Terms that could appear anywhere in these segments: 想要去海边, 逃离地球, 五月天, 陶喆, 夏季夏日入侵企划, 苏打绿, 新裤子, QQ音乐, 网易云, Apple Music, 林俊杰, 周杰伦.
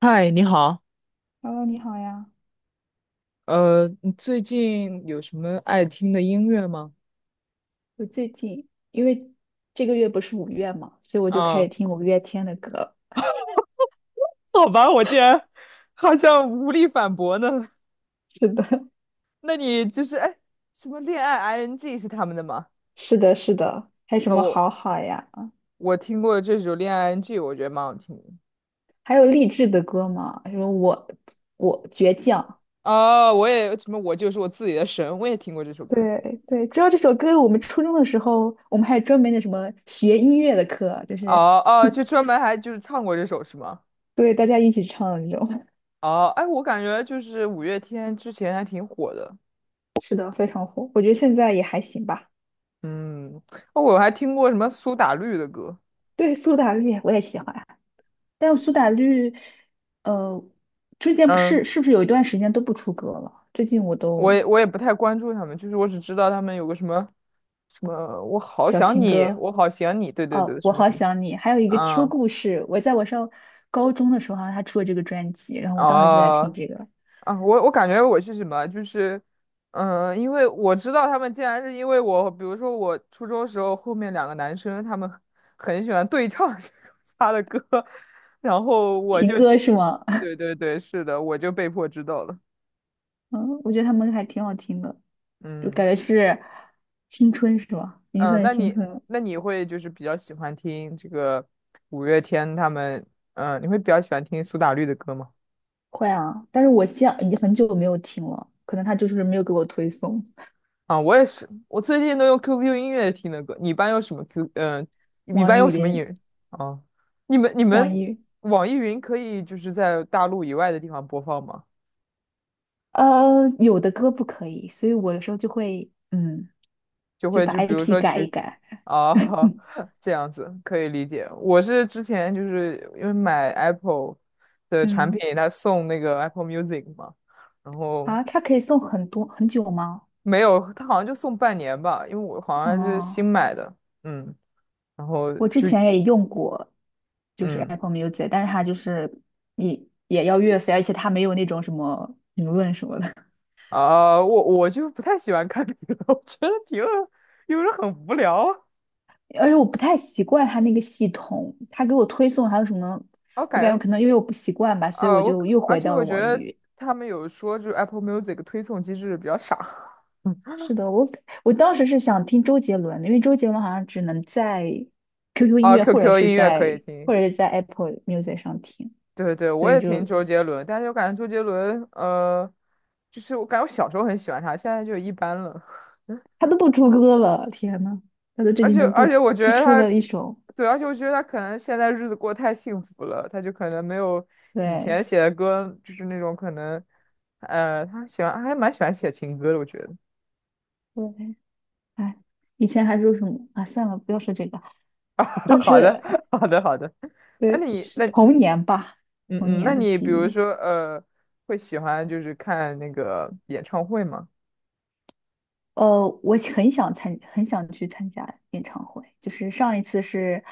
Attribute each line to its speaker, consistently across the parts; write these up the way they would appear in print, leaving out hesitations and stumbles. Speaker 1: 嗨，你好，
Speaker 2: h e 你好呀。
Speaker 1: 你最近有什么爱听的音乐吗？
Speaker 2: 我最近因为这个月不是五月嘛，所以我就开始
Speaker 1: 啊，
Speaker 2: 听五月天的歌。
Speaker 1: 好吧，我竟然好像无力反驳呢。
Speaker 2: 是的，
Speaker 1: 那你就是哎，什么恋爱 ing 是他们的吗？
Speaker 2: 是的，是的，还有什
Speaker 1: 啊，
Speaker 2: 么
Speaker 1: 我
Speaker 2: 好好呀？
Speaker 1: 我听过这首恋爱 ing，我觉得蛮好听的。
Speaker 2: 还有励志的歌吗？什么我倔强，
Speaker 1: 哦，我也什么，我就是我自己的神，我也听过这首歌。
Speaker 2: 对对，主要这首歌，我们初中的时候，我们还有专门的什么学音乐的课，就是
Speaker 1: 哦哦，就 专门还就是唱过这首是吗？
Speaker 2: 对大家一起唱的那种，
Speaker 1: 哦，哎，我感觉就是五月天之前还挺火的。
Speaker 2: 是的，非常火。我觉得现在也还行吧。
Speaker 1: 嗯，哦，我还听过什么苏打绿的歌。
Speaker 2: 对，苏打绿我也喜欢。但苏打绿，呃，最近不
Speaker 1: 嗯。
Speaker 2: 是是不是有一段时间都不出歌了？最近我
Speaker 1: 我
Speaker 2: 都
Speaker 1: 也我也不太关注他们，就是我只知道他们有个什么什么，我好
Speaker 2: 小
Speaker 1: 想
Speaker 2: 情
Speaker 1: 你，
Speaker 2: 歌，
Speaker 1: 我好想你，对对
Speaker 2: 哦，
Speaker 1: 对，
Speaker 2: 我
Speaker 1: 什么
Speaker 2: 好
Speaker 1: 什么，
Speaker 2: 想你，还有一个秋
Speaker 1: 啊
Speaker 2: 故事，我上高中的时候，好像他出了这个专辑，然后我当时就在
Speaker 1: 啊
Speaker 2: 听这个
Speaker 1: 啊！我感觉我是什么，就是，嗯、因为我知道他们竟然是因为我，比如说我初中时候后面两个男生，他们很喜欢对唱 他的歌，然后我
Speaker 2: 情
Speaker 1: 就
Speaker 2: 歌
Speaker 1: 进，
Speaker 2: 是吗？
Speaker 1: 对对对，是的，我就被迫知道了，
Speaker 2: 嗯，我觉得他们还挺好听的，就
Speaker 1: 嗯。
Speaker 2: 感觉是青春是吧？已经
Speaker 1: 嗯，呃
Speaker 2: 算是
Speaker 1: 那
Speaker 2: 青
Speaker 1: 你
Speaker 2: 春了，
Speaker 1: 那你会就是比较喜欢听这个五月天他们，嗯，你会比较喜欢听苏打绿的歌吗？
Speaker 2: 会啊，但是我现已经很久没有听了，可能他就是没有给我推送
Speaker 1: 啊，我也是，我最近都用 QQ 音乐听的歌。你一
Speaker 2: 网
Speaker 1: 般
Speaker 2: 易
Speaker 1: 用什么音
Speaker 2: 云，
Speaker 1: 乐？啊，你们你
Speaker 2: 网
Speaker 1: 们
Speaker 2: 易。
Speaker 1: 网易云可以就是在大陆以外的地方播放吗？
Speaker 2: 有的歌不可以，所以我有时候就会，就把
Speaker 1: 就比如
Speaker 2: IP
Speaker 1: 说
Speaker 2: 改一
Speaker 1: 去
Speaker 2: 改。
Speaker 1: 啊 这样子可以理解。我是之前就是因为买 Apple 的产
Speaker 2: 嗯，
Speaker 1: 品，它送那个 Apple Music 嘛。然后
Speaker 2: 啊，它可以送很多很久吗？
Speaker 1: 没有，他好像就送半年吧，因为我好像是新
Speaker 2: 哦，
Speaker 1: 买的，嗯，然后
Speaker 2: 我之
Speaker 1: 就
Speaker 2: 前也用过，就是
Speaker 1: 嗯
Speaker 2: Apple Music，但是它就是也要月费，而且它没有那种什么评论什么的，
Speaker 1: 我就不太喜欢看评论，我觉得评论有时候很无聊
Speaker 2: 而且我不太习惯它那个系统，它给我推送还有什么，
Speaker 1: 啊，我
Speaker 2: 我感
Speaker 1: 感
Speaker 2: 觉
Speaker 1: 觉
Speaker 2: 可能因为我不习惯吧，所以
Speaker 1: 啊，
Speaker 2: 我
Speaker 1: 我
Speaker 2: 就又
Speaker 1: 而
Speaker 2: 回
Speaker 1: 且
Speaker 2: 到
Speaker 1: 我
Speaker 2: 了
Speaker 1: 觉
Speaker 2: 网易
Speaker 1: 得
Speaker 2: 云。
Speaker 1: 他们有说就是 Apple Music 推送机制比较傻
Speaker 2: 是的，我当时是想听周杰伦的，因为周杰伦好像只能在 QQ 音
Speaker 1: 啊
Speaker 2: 乐或者
Speaker 1: ，QQ
Speaker 2: 是
Speaker 1: 音乐可以
Speaker 2: 在
Speaker 1: 听，
Speaker 2: 或者是在 Apple Music 上听，
Speaker 1: 对对，我
Speaker 2: 所以
Speaker 1: 也听
Speaker 2: 就
Speaker 1: 周杰伦，但是我感觉周杰伦，就是我感觉我小时候很喜欢他，现在就一般了。
Speaker 2: 他都不出歌了，天呐，他都这
Speaker 1: 而
Speaker 2: 几
Speaker 1: 且
Speaker 2: 年不出
Speaker 1: 我觉
Speaker 2: 就
Speaker 1: 得
Speaker 2: 出
Speaker 1: 他，
Speaker 2: 了一首，
Speaker 1: 对，而且我觉得他可能现在日子过得太幸福了，他就可能没有以
Speaker 2: 对
Speaker 1: 前写的歌，就是那种可能，他喜欢还蛮喜欢写情歌的，我觉得。
Speaker 2: 对，哎，以前还说什么啊？算了，不要说这个，就
Speaker 1: 好的，
Speaker 2: 是
Speaker 1: 好的，好的。那
Speaker 2: 对，
Speaker 1: 你
Speaker 2: 是
Speaker 1: 那
Speaker 2: 童年吧，
Speaker 1: 嗯
Speaker 2: 童
Speaker 1: 嗯，那
Speaker 2: 年的
Speaker 1: 你
Speaker 2: 记
Speaker 1: 比如
Speaker 2: 忆。
Speaker 1: 说会喜欢就是看那个演唱会吗？
Speaker 2: 我很想参，很想去参加演唱会。就是上一次是，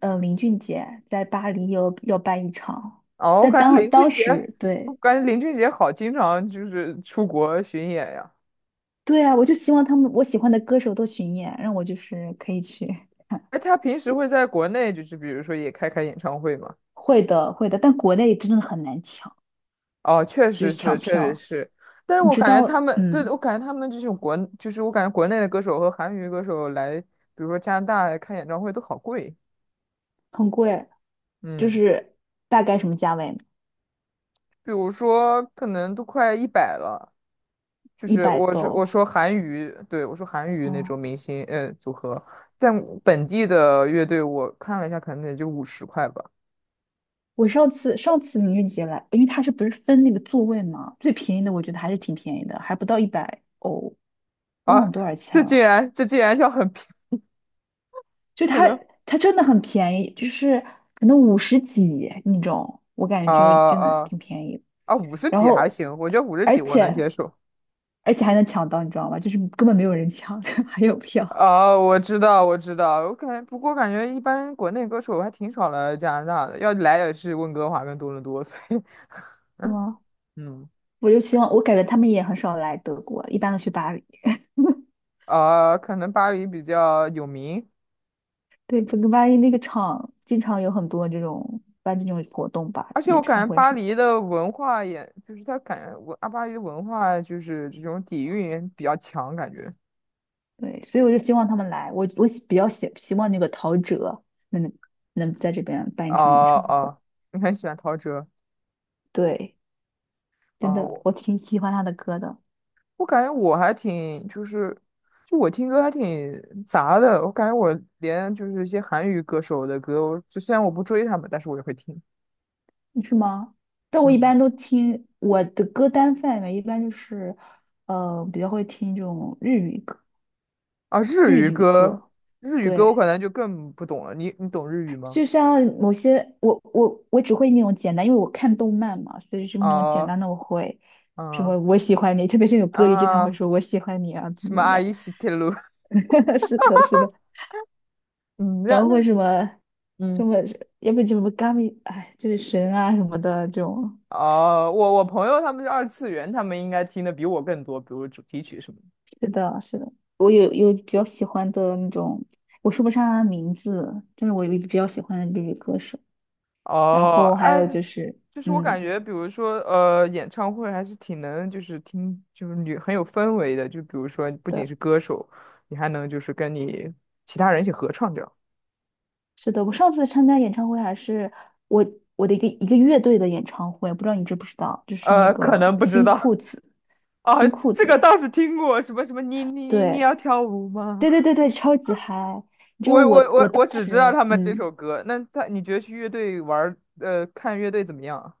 Speaker 2: 林俊杰在巴黎有要办一场，
Speaker 1: 哦，
Speaker 2: 但当当时
Speaker 1: 我
Speaker 2: 对
Speaker 1: 感觉林俊杰好经常就是出国巡演呀。
Speaker 2: 对啊，我就希望他们我喜欢的歌手都巡演，让我就是可以去看
Speaker 1: 哎，他平时会在国内就是比如说也开演唱会吗？
Speaker 2: 会的，会的，但国内真的很难抢，
Speaker 1: 哦，确
Speaker 2: 就
Speaker 1: 实
Speaker 2: 是
Speaker 1: 是，
Speaker 2: 抢
Speaker 1: 确实
Speaker 2: 票，
Speaker 1: 是，但是
Speaker 2: 你
Speaker 1: 我
Speaker 2: 知
Speaker 1: 感觉他
Speaker 2: 道，
Speaker 1: 们，对，
Speaker 2: 嗯，
Speaker 1: 我感觉他们这种国，就是我感觉国内的歌手和韩语歌手来，比如说加拿大来看演唱会都好贵，
Speaker 2: 很贵，就
Speaker 1: 嗯，
Speaker 2: 是大概什么价位呢
Speaker 1: 比如说可能都快一百了，就
Speaker 2: 一
Speaker 1: 是
Speaker 2: 百
Speaker 1: 我说我
Speaker 2: 多。
Speaker 1: 说韩语，对，我说韩语那种
Speaker 2: 哦，
Speaker 1: 明星，组合，但本地的乐队我看了一下，可能也就五十块吧，
Speaker 2: 我上次音乐杰来，因为他是不是分那个座位嘛，最便宜的我觉得还是挺便宜的，还不到100欧，忘了
Speaker 1: 啊，
Speaker 2: 多少钱了。
Speaker 1: 这竟然要很便宜，
Speaker 2: 就
Speaker 1: 可
Speaker 2: 他
Speaker 1: 能，
Speaker 2: 他真的很便宜，就是可能50几那种，我
Speaker 1: 啊
Speaker 2: 感觉就真的
Speaker 1: 啊
Speaker 2: 挺便宜的。
Speaker 1: 啊，五十
Speaker 2: 然
Speaker 1: 几还
Speaker 2: 后
Speaker 1: 行，我觉得五十
Speaker 2: 而
Speaker 1: 几我能
Speaker 2: 且
Speaker 1: 接受，
Speaker 2: 而且还能抢到，你知道吗？就是根本没有人抢，就还有票，
Speaker 1: 哦，我知道，我知道，我感觉，不过感觉一般国内歌手还挺少来加拿大的，要来也是温哥华跟多伦多，所以
Speaker 2: 是吗？
Speaker 1: 嗯，
Speaker 2: 我就希望，我感觉他们也很少来德国，一般都去巴黎。
Speaker 1: 啊，可能巴黎比较有名，
Speaker 2: 对，整个巴黎那个场经常有很多这种办这种活动吧，
Speaker 1: 而且我
Speaker 2: 演
Speaker 1: 感
Speaker 2: 唱
Speaker 1: 觉
Speaker 2: 会
Speaker 1: 巴
Speaker 2: 什么
Speaker 1: 黎
Speaker 2: 的。
Speaker 1: 的文化也，就是他感觉文啊，巴黎的文化就是这种底蕴比较强，感觉，
Speaker 2: 对，所以我就希望他们来。我比较希望那个陶喆能能在这边办
Speaker 1: 哦
Speaker 2: 一场演唱会。
Speaker 1: 哦，你很喜欢陶喆
Speaker 2: 对，真
Speaker 1: 啊，
Speaker 2: 的，
Speaker 1: 我
Speaker 2: 我挺喜欢他的歌的，
Speaker 1: 我感觉我还挺就是，就我听歌还挺杂的。我感觉我连就是一些韩语歌手的歌，我就虽然我不追他们，但是我也会听。
Speaker 2: 是吗？但我一
Speaker 1: 嗯，
Speaker 2: 般都听我的歌单范围一般就是，比较会听这种日语歌，
Speaker 1: 啊，日
Speaker 2: 日
Speaker 1: 语
Speaker 2: 语
Speaker 1: 歌，
Speaker 2: 歌。
Speaker 1: 日语歌我
Speaker 2: 对，
Speaker 1: 可能就更不懂了。你懂日语吗？
Speaker 2: 就像某些我只会那种简单，因为我看动漫嘛，所以是那种简
Speaker 1: 啊，
Speaker 2: 单的我会，什
Speaker 1: 啊
Speaker 2: 么我喜欢你，特别是有歌里经常会
Speaker 1: 啊，
Speaker 2: 说我喜欢你啊怎
Speaker 1: 什么
Speaker 2: 么
Speaker 1: 阿
Speaker 2: 的，
Speaker 1: 姨西铁路？
Speaker 2: 是的，是的，
Speaker 1: 嗯，
Speaker 2: 然
Speaker 1: 那
Speaker 2: 后
Speaker 1: 那
Speaker 2: 会什么什
Speaker 1: 嗯，
Speaker 2: 么，要不就什么 Gami，哎，就是神啊什么的这种，
Speaker 1: 哦、我朋友他们是二次元，他们应该听的比我更多，比如主题曲什么的。
Speaker 2: 是的，是的，我有比较喜欢的那种，我说不上他的名字，但是我有比较喜欢的日语歌手，然
Speaker 1: 哦，
Speaker 2: 后还有
Speaker 1: 哎，
Speaker 2: 就是
Speaker 1: 就是我
Speaker 2: 嗯。
Speaker 1: 感觉，比如说，演唱会还是挺能，就是听，就是你很有氛围的。就比如说，不仅
Speaker 2: 的。
Speaker 1: 是歌手，你还能就是跟你其他人一起合唱这样。
Speaker 2: 是的，我上次参加演唱会还是我我的一个一个乐队的演唱会，不知道你知不知道，就是那
Speaker 1: 可
Speaker 2: 个
Speaker 1: 能不知
Speaker 2: 新
Speaker 1: 道
Speaker 2: 裤子，
Speaker 1: 啊，
Speaker 2: 新裤
Speaker 1: 这个
Speaker 2: 子，
Speaker 1: 倒是听过，什么什么，你
Speaker 2: 对
Speaker 1: 要跳舞吗？
Speaker 2: 对对对对，超级嗨！
Speaker 1: 我
Speaker 2: 就我
Speaker 1: 我
Speaker 2: 我
Speaker 1: 我
Speaker 2: 当
Speaker 1: 我只知道
Speaker 2: 时
Speaker 1: 他们这首歌。你觉得去乐队玩儿看乐队怎么样啊？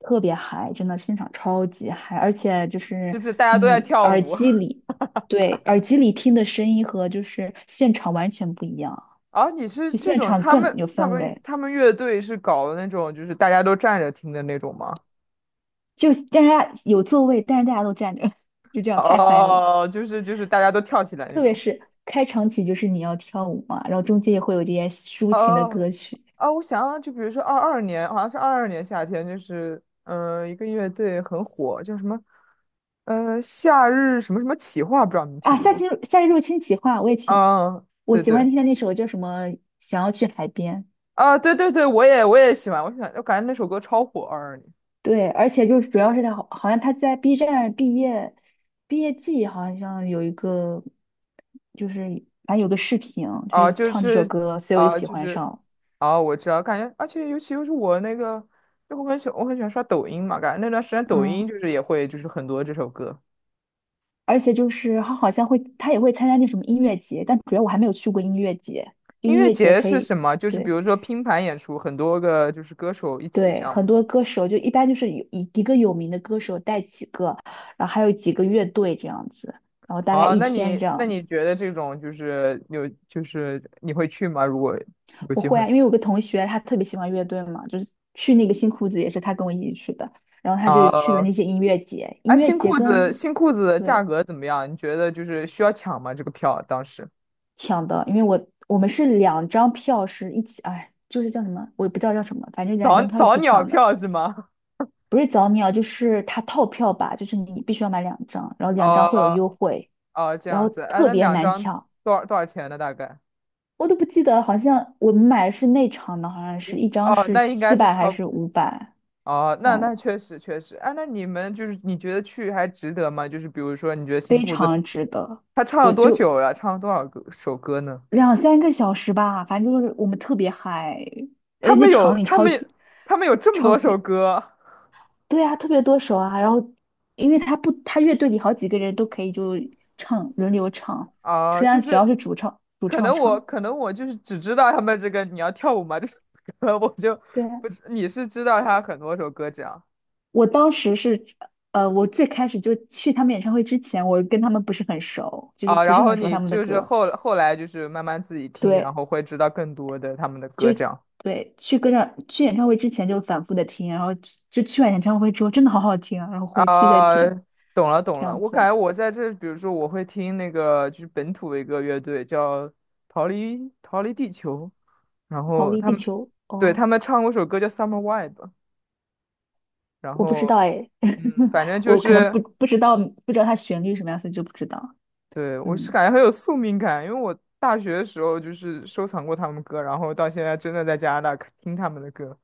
Speaker 2: 特别嗨，真的现场超级嗨，而且就
Speaker 1: 是
Speaker 2: 是
Speaker 1: 不是大家都在
Speaker 2: 你
Speaker 1: 跳
Speaker 2: 耳
Speaker 1: 舞？
Speaker 2: 机里对耳机里听的声音和就是现场完全不一样，
Speaker 1: 啊，你是
Speaker 2: 就
Speaker 1: 这
Speaker 2: 现
Speaker 1: 种
Speaker 2: 场
Speaker 1: 他
Speaker 2: 更
Speaker 1: 们
Speaker 2: 有
Speaker 1: 他
Speaker 2: 氛
Speaker 1: 们
Speaker 2: 围，
Speaker 1: 他们乐队是搞的那种，就是大家都站着听的那种吗？
Speaker 2: 就大家有座位，但是大家都站着，就这样太嗨了。
Speaker 1: 哦，就是就是大家都跳起来那
Speaker 2: 特别
Speaker 1: 种。
Speaker 2: 是开场曲就是你要跳舞嘛，然后中间也会有一些抒情的
Speaker 1: 哦，
Speaker 2: 歌曲
Speaker 1: 啊，我想想，就比如说二二年，好像是二二年夏天，就是一个乐队很火，叫什么夏日什么什么企划，不知道你们听
Speaker 2: 啊。
Speaker 1: 过？
Speaker 2: 夏日入侵企划，我也挺
Speaker 1: 啊，
Speaker 2: 我
Speaker 1: 对
Speaker 2: 喜欢
Speaker 1: 对
Speaker 2: 听的那首叫什么《想要去海边》。
Speaker 1: 啊，对对对，我也喜欢，我喜欢，我感觉那首歌超火，二二年。
Speaker 2: 对，而且就是主要是好像他在 B 站毕业季好像有一个，就是反正有个视频，就
Speaker 1: 啊，
Speaker 2: 是
Speaker 1: 就
Speaker 2: 唱这首
Speaker 1: 是
Speaker 2: 歌，所以我就
Speaker 1: 啊，
Speaker 2: 喜
Speaker 1: 就
Speaker 2: 欢
Speaker 1: 是
Speaker 2: 上了。
Speaker 1: 啊，我知道，感觉，而且尤其又是我那个，就我很喜欢刷抖音嘛，感觉那段时间抖音
Speaker 2: 嗯，
Speaker 1: 就是也会就是很多这首歌。
Speaker 2: 而且就是他好像会，他也会参加那什么音乐节，但主要我还没有去过音乐节，就
Speaker 1: 音
Speaker 2: 音
Speaker 1: 乐
Speaker 2: 乐节
Speaker 1: 节
Speaker 2: 可
Speaker 1: 是
Speaker 2: 以。
Speaker 1: 什么？就是比
Speaker 2: 对。
Speaker 1: 如说拼盘演出，很多个就是歌手一起这
Speaker 2: 对，
Speaker 1: 样嘛。
Speaker 2: 很多歌手就一般就是有一个有名的歌手带几个，然后还有几个乐队这样子，然后大概
Speaker 1: 啊，
Speaker 2: 一天这
Speaker 1: 那
Speaker 2: 样。
Speaker 1: 你觉得这种就是有就是你会去吗？如果有
Speaker 2: 我
Speaker 1: 机
Speaker 2: 会
Speaker 1: 会
Speaker 2: 啊，因为有个同学他特别喜欢乐队嘛，就是去那个新裤子也是他跟我一起去的，然后他就去了
Speaker 1: 啊，
Speaker 2: 那些音乐节，
Speaker 1: 哎，
Speaker 2: 音乐节跟
Speaker 1: 新裤子的价
Speaker 2: 对
Speaker 1: 格怎么样？你觉得就是需要抢吗？这个票当时
Speaker 2: 抢的，因为我们是两张票是一起，哎，就是叫什么，我也不知道叫什么，反正两张票一
Speaker 1: 早
Speaker 2: 起
Speaker 1: 鸟
Speaker 2: 抢的。
Speaker 1: 票是吗？
Speaker 2: 不是早鸟，就是他套票吧，就是你必须要买两张，然后 两张会有
Speaker 1: 啊。
Speaker 2: 优惠，
Speaker 1: 哦，这
Speaker 2: 然
Speaker 1: 样
Speaker 2: 后
Speaker 1: 子，哎，
Speaker 2: 特
Speaker 1: 那
Speaker 2: 别
Speaker 1: 两
Speaker 2: 难
Speaker 1: 张
Speaker 2: 抢，
Speaker 1: 多少钱呢？大概？
Speaker 2: 我都不记得，好像我们买的是内场的，好像是一张
Speaker 1: 哦，
Speaker 2: 是
Speaker 1: 那应该
Speaker 2: 七
Speaker 1: 是
Speaker 2: 百还
Speaker 1: 超过，
Speaker 2: 是500，
Speaker 1: 哦，那
Speaker 2: 忘
Speaker 1: 那
Speaker 2: 了，
Speaker 1: 确实确实，哎，那你们就是你觉得去还值得吗？就是比如说，你觉得新
Speaker 2: 非
Speaker 1: 裤子
Speaker 2: 常值得，
Speaker 1: 他唱了
Speaker 2: 我
Speaker 1: 多
Speaker 2: 就
Speaker 1: 久呀？唱了多少个首歌呢？
Speaker 2: 2、3个小时吧，反正就是我们特别嗨，
Speaker 1: 他
Speaker 2: 哎，那
Speaker 1: 们
Speaker 2: 场
Speaker 1: 有
Speaker 2: 里
Speaker 1: 他
Speaker 2: 超
Speaker 1: 们
Speaker 2: 级
Speaker 1: 他们有这么
Speaker 2: 超
Speaker 1: 多首
Speaker 2: 级，
Speaker 1: 歌
Speaker 2: 对啊，特别多首啊，然后因为他不，他乐队里好几个人都可以就轮流唱，
Speaker 1: 啊，
Speaker 2: 虽
Speaker 1: 就
Speaker 2: 然主
Speaker 1: 是
Speaker 2: 要是主唱主唱唱。
Speaker 1: 可能我就是只知道他们这个你要跳舞吗这首歌，我就
Speaker 2: 对啊，
Speaker 1: 不知你是知道他很多首歌这样。
Speaker 2: 我当时是，我最开始就去他们演唱会之前，我跟他们不是很熟，就是
Speaker 1: 啊，
Speaker 2: 不
Speaker 1: 然
Speaker 2: 是
Speaker 1: 后
Speaker 2: 很熟
Speaker 1: 你
Speaker 2: 他们的
Speaker 1: 就是
Speaker 2: 歌。
Speaker 1: 后来就是慢慢自己听，然
Speaker 2: 对，
Speaker 1: 后会知道更多的他们的
Speaker 2: 就
Speaker 1: 歌这样。
Speaker 2: 对，去演唱会之前就反复的听，然后就去完演唱会之后真的好好听啊，然后回去再
Speaker 1: 啊，
Speaker 2: 听，
Speaker 1: 懂了懂
Speaker 2: 这
Speaker 1: 了，
Speaker 2: 样
Speaker 1: 我
Speaker 2: 子
Speaker 1: 感
Speaker 2: 啊
Speaker 1: 觉我在这，比如说我会听那个就是本土的一个乐队叫逃离地球，然
Speaker 2: 逃
Speaker 1: 后
Speaker 2: 离
Speaker 1: 他
Speaker 2: 地
Speaker 1: 们
Speaker 2: 球。
Speaker 1: 对他
Speaker 2: 哦，
Speaker 1: 们唱过首歌叫《Summer w i b e 然
Speaker 2: 我不知
Speaker 1: 后
Speaker 2: 道哎，
Speaker 1: 嗯，反正 就
Speaker 2: 我可能
Speaker 1: 是
Speaker 2: 不知道它旋律什么样，所以就不知道。
Speaker 1: 对我是
Speaker 2: 嗯，
Speaker 1: 感觉很有宿命感，因为我大学的时候就是收藏过他们歌，然后到现在真的在加拿大听他们的歌，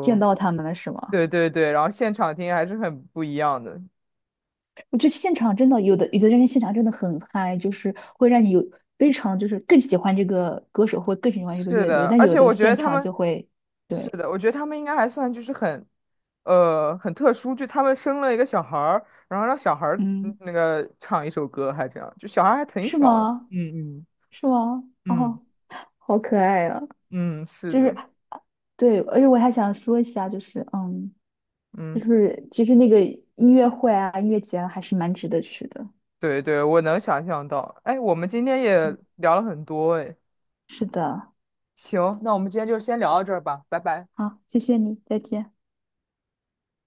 Speaker 2: 见到他们了是吗？
Speaker 1: 对对对，然后现场听还是很不一样的。
Speaker 2: 我觉得现场真的有的有的人现场真的很嗨，就是会让你有非常就是更喜欢这个歌手，或更喜欢这个
Speaker 1: 是
Speaker 2: 乐
Speaker 1: 的，
Speaker 2: 队。但
Speaker 1: 而
Speaker 2: 有
Speaker 1: 且
Speaker 2: 的
Speaker 1: 我觉得
Speaker 2: 现
Speaker 1: 他
Speaker 2: 场
Speaker 1: 们，
Speaker 2: 就会，
Speaker 1: 是
Speaker 2: 对，
Speaker 1: 的，我觉得他们应该还算就是很，很特殊，就他们生了一个小孩儿，然后让小孩儿
Speaker 2: 嗯，
Speaker 1: 那个唱一首歌，还这样，就小孩儿还挺
Speaker 2: 是
Speaker 1: 小的。
Speaker 2: 吗？
Speaker 1: 嗯嗯
Speaker 2: 是吗？
Speaker 1: 嗯
Speaker 2: 哦，好可爱啊！
Speaker 1: 嗯，是
Speaker 2: 就是
Speaker 1: 的，
Speaker 2: 对，而且我还想说一下，就是嗯，就
Speaker 1: 嗯，
Speaker 2: 是其实那个音乐会啊、音乐节啊还是蛮值得去的。
Speaker 1: 对对，我能想象到。哎，我们今天也
Speaker 2: 嗯，
Speaker 1: 聊了很多，哎，
Speaker 2: 是的，
Speaker 1: 行，那我们今天就先聊到这儿吧，拜拜。
Speaker 2: 好，谢谢你，再见。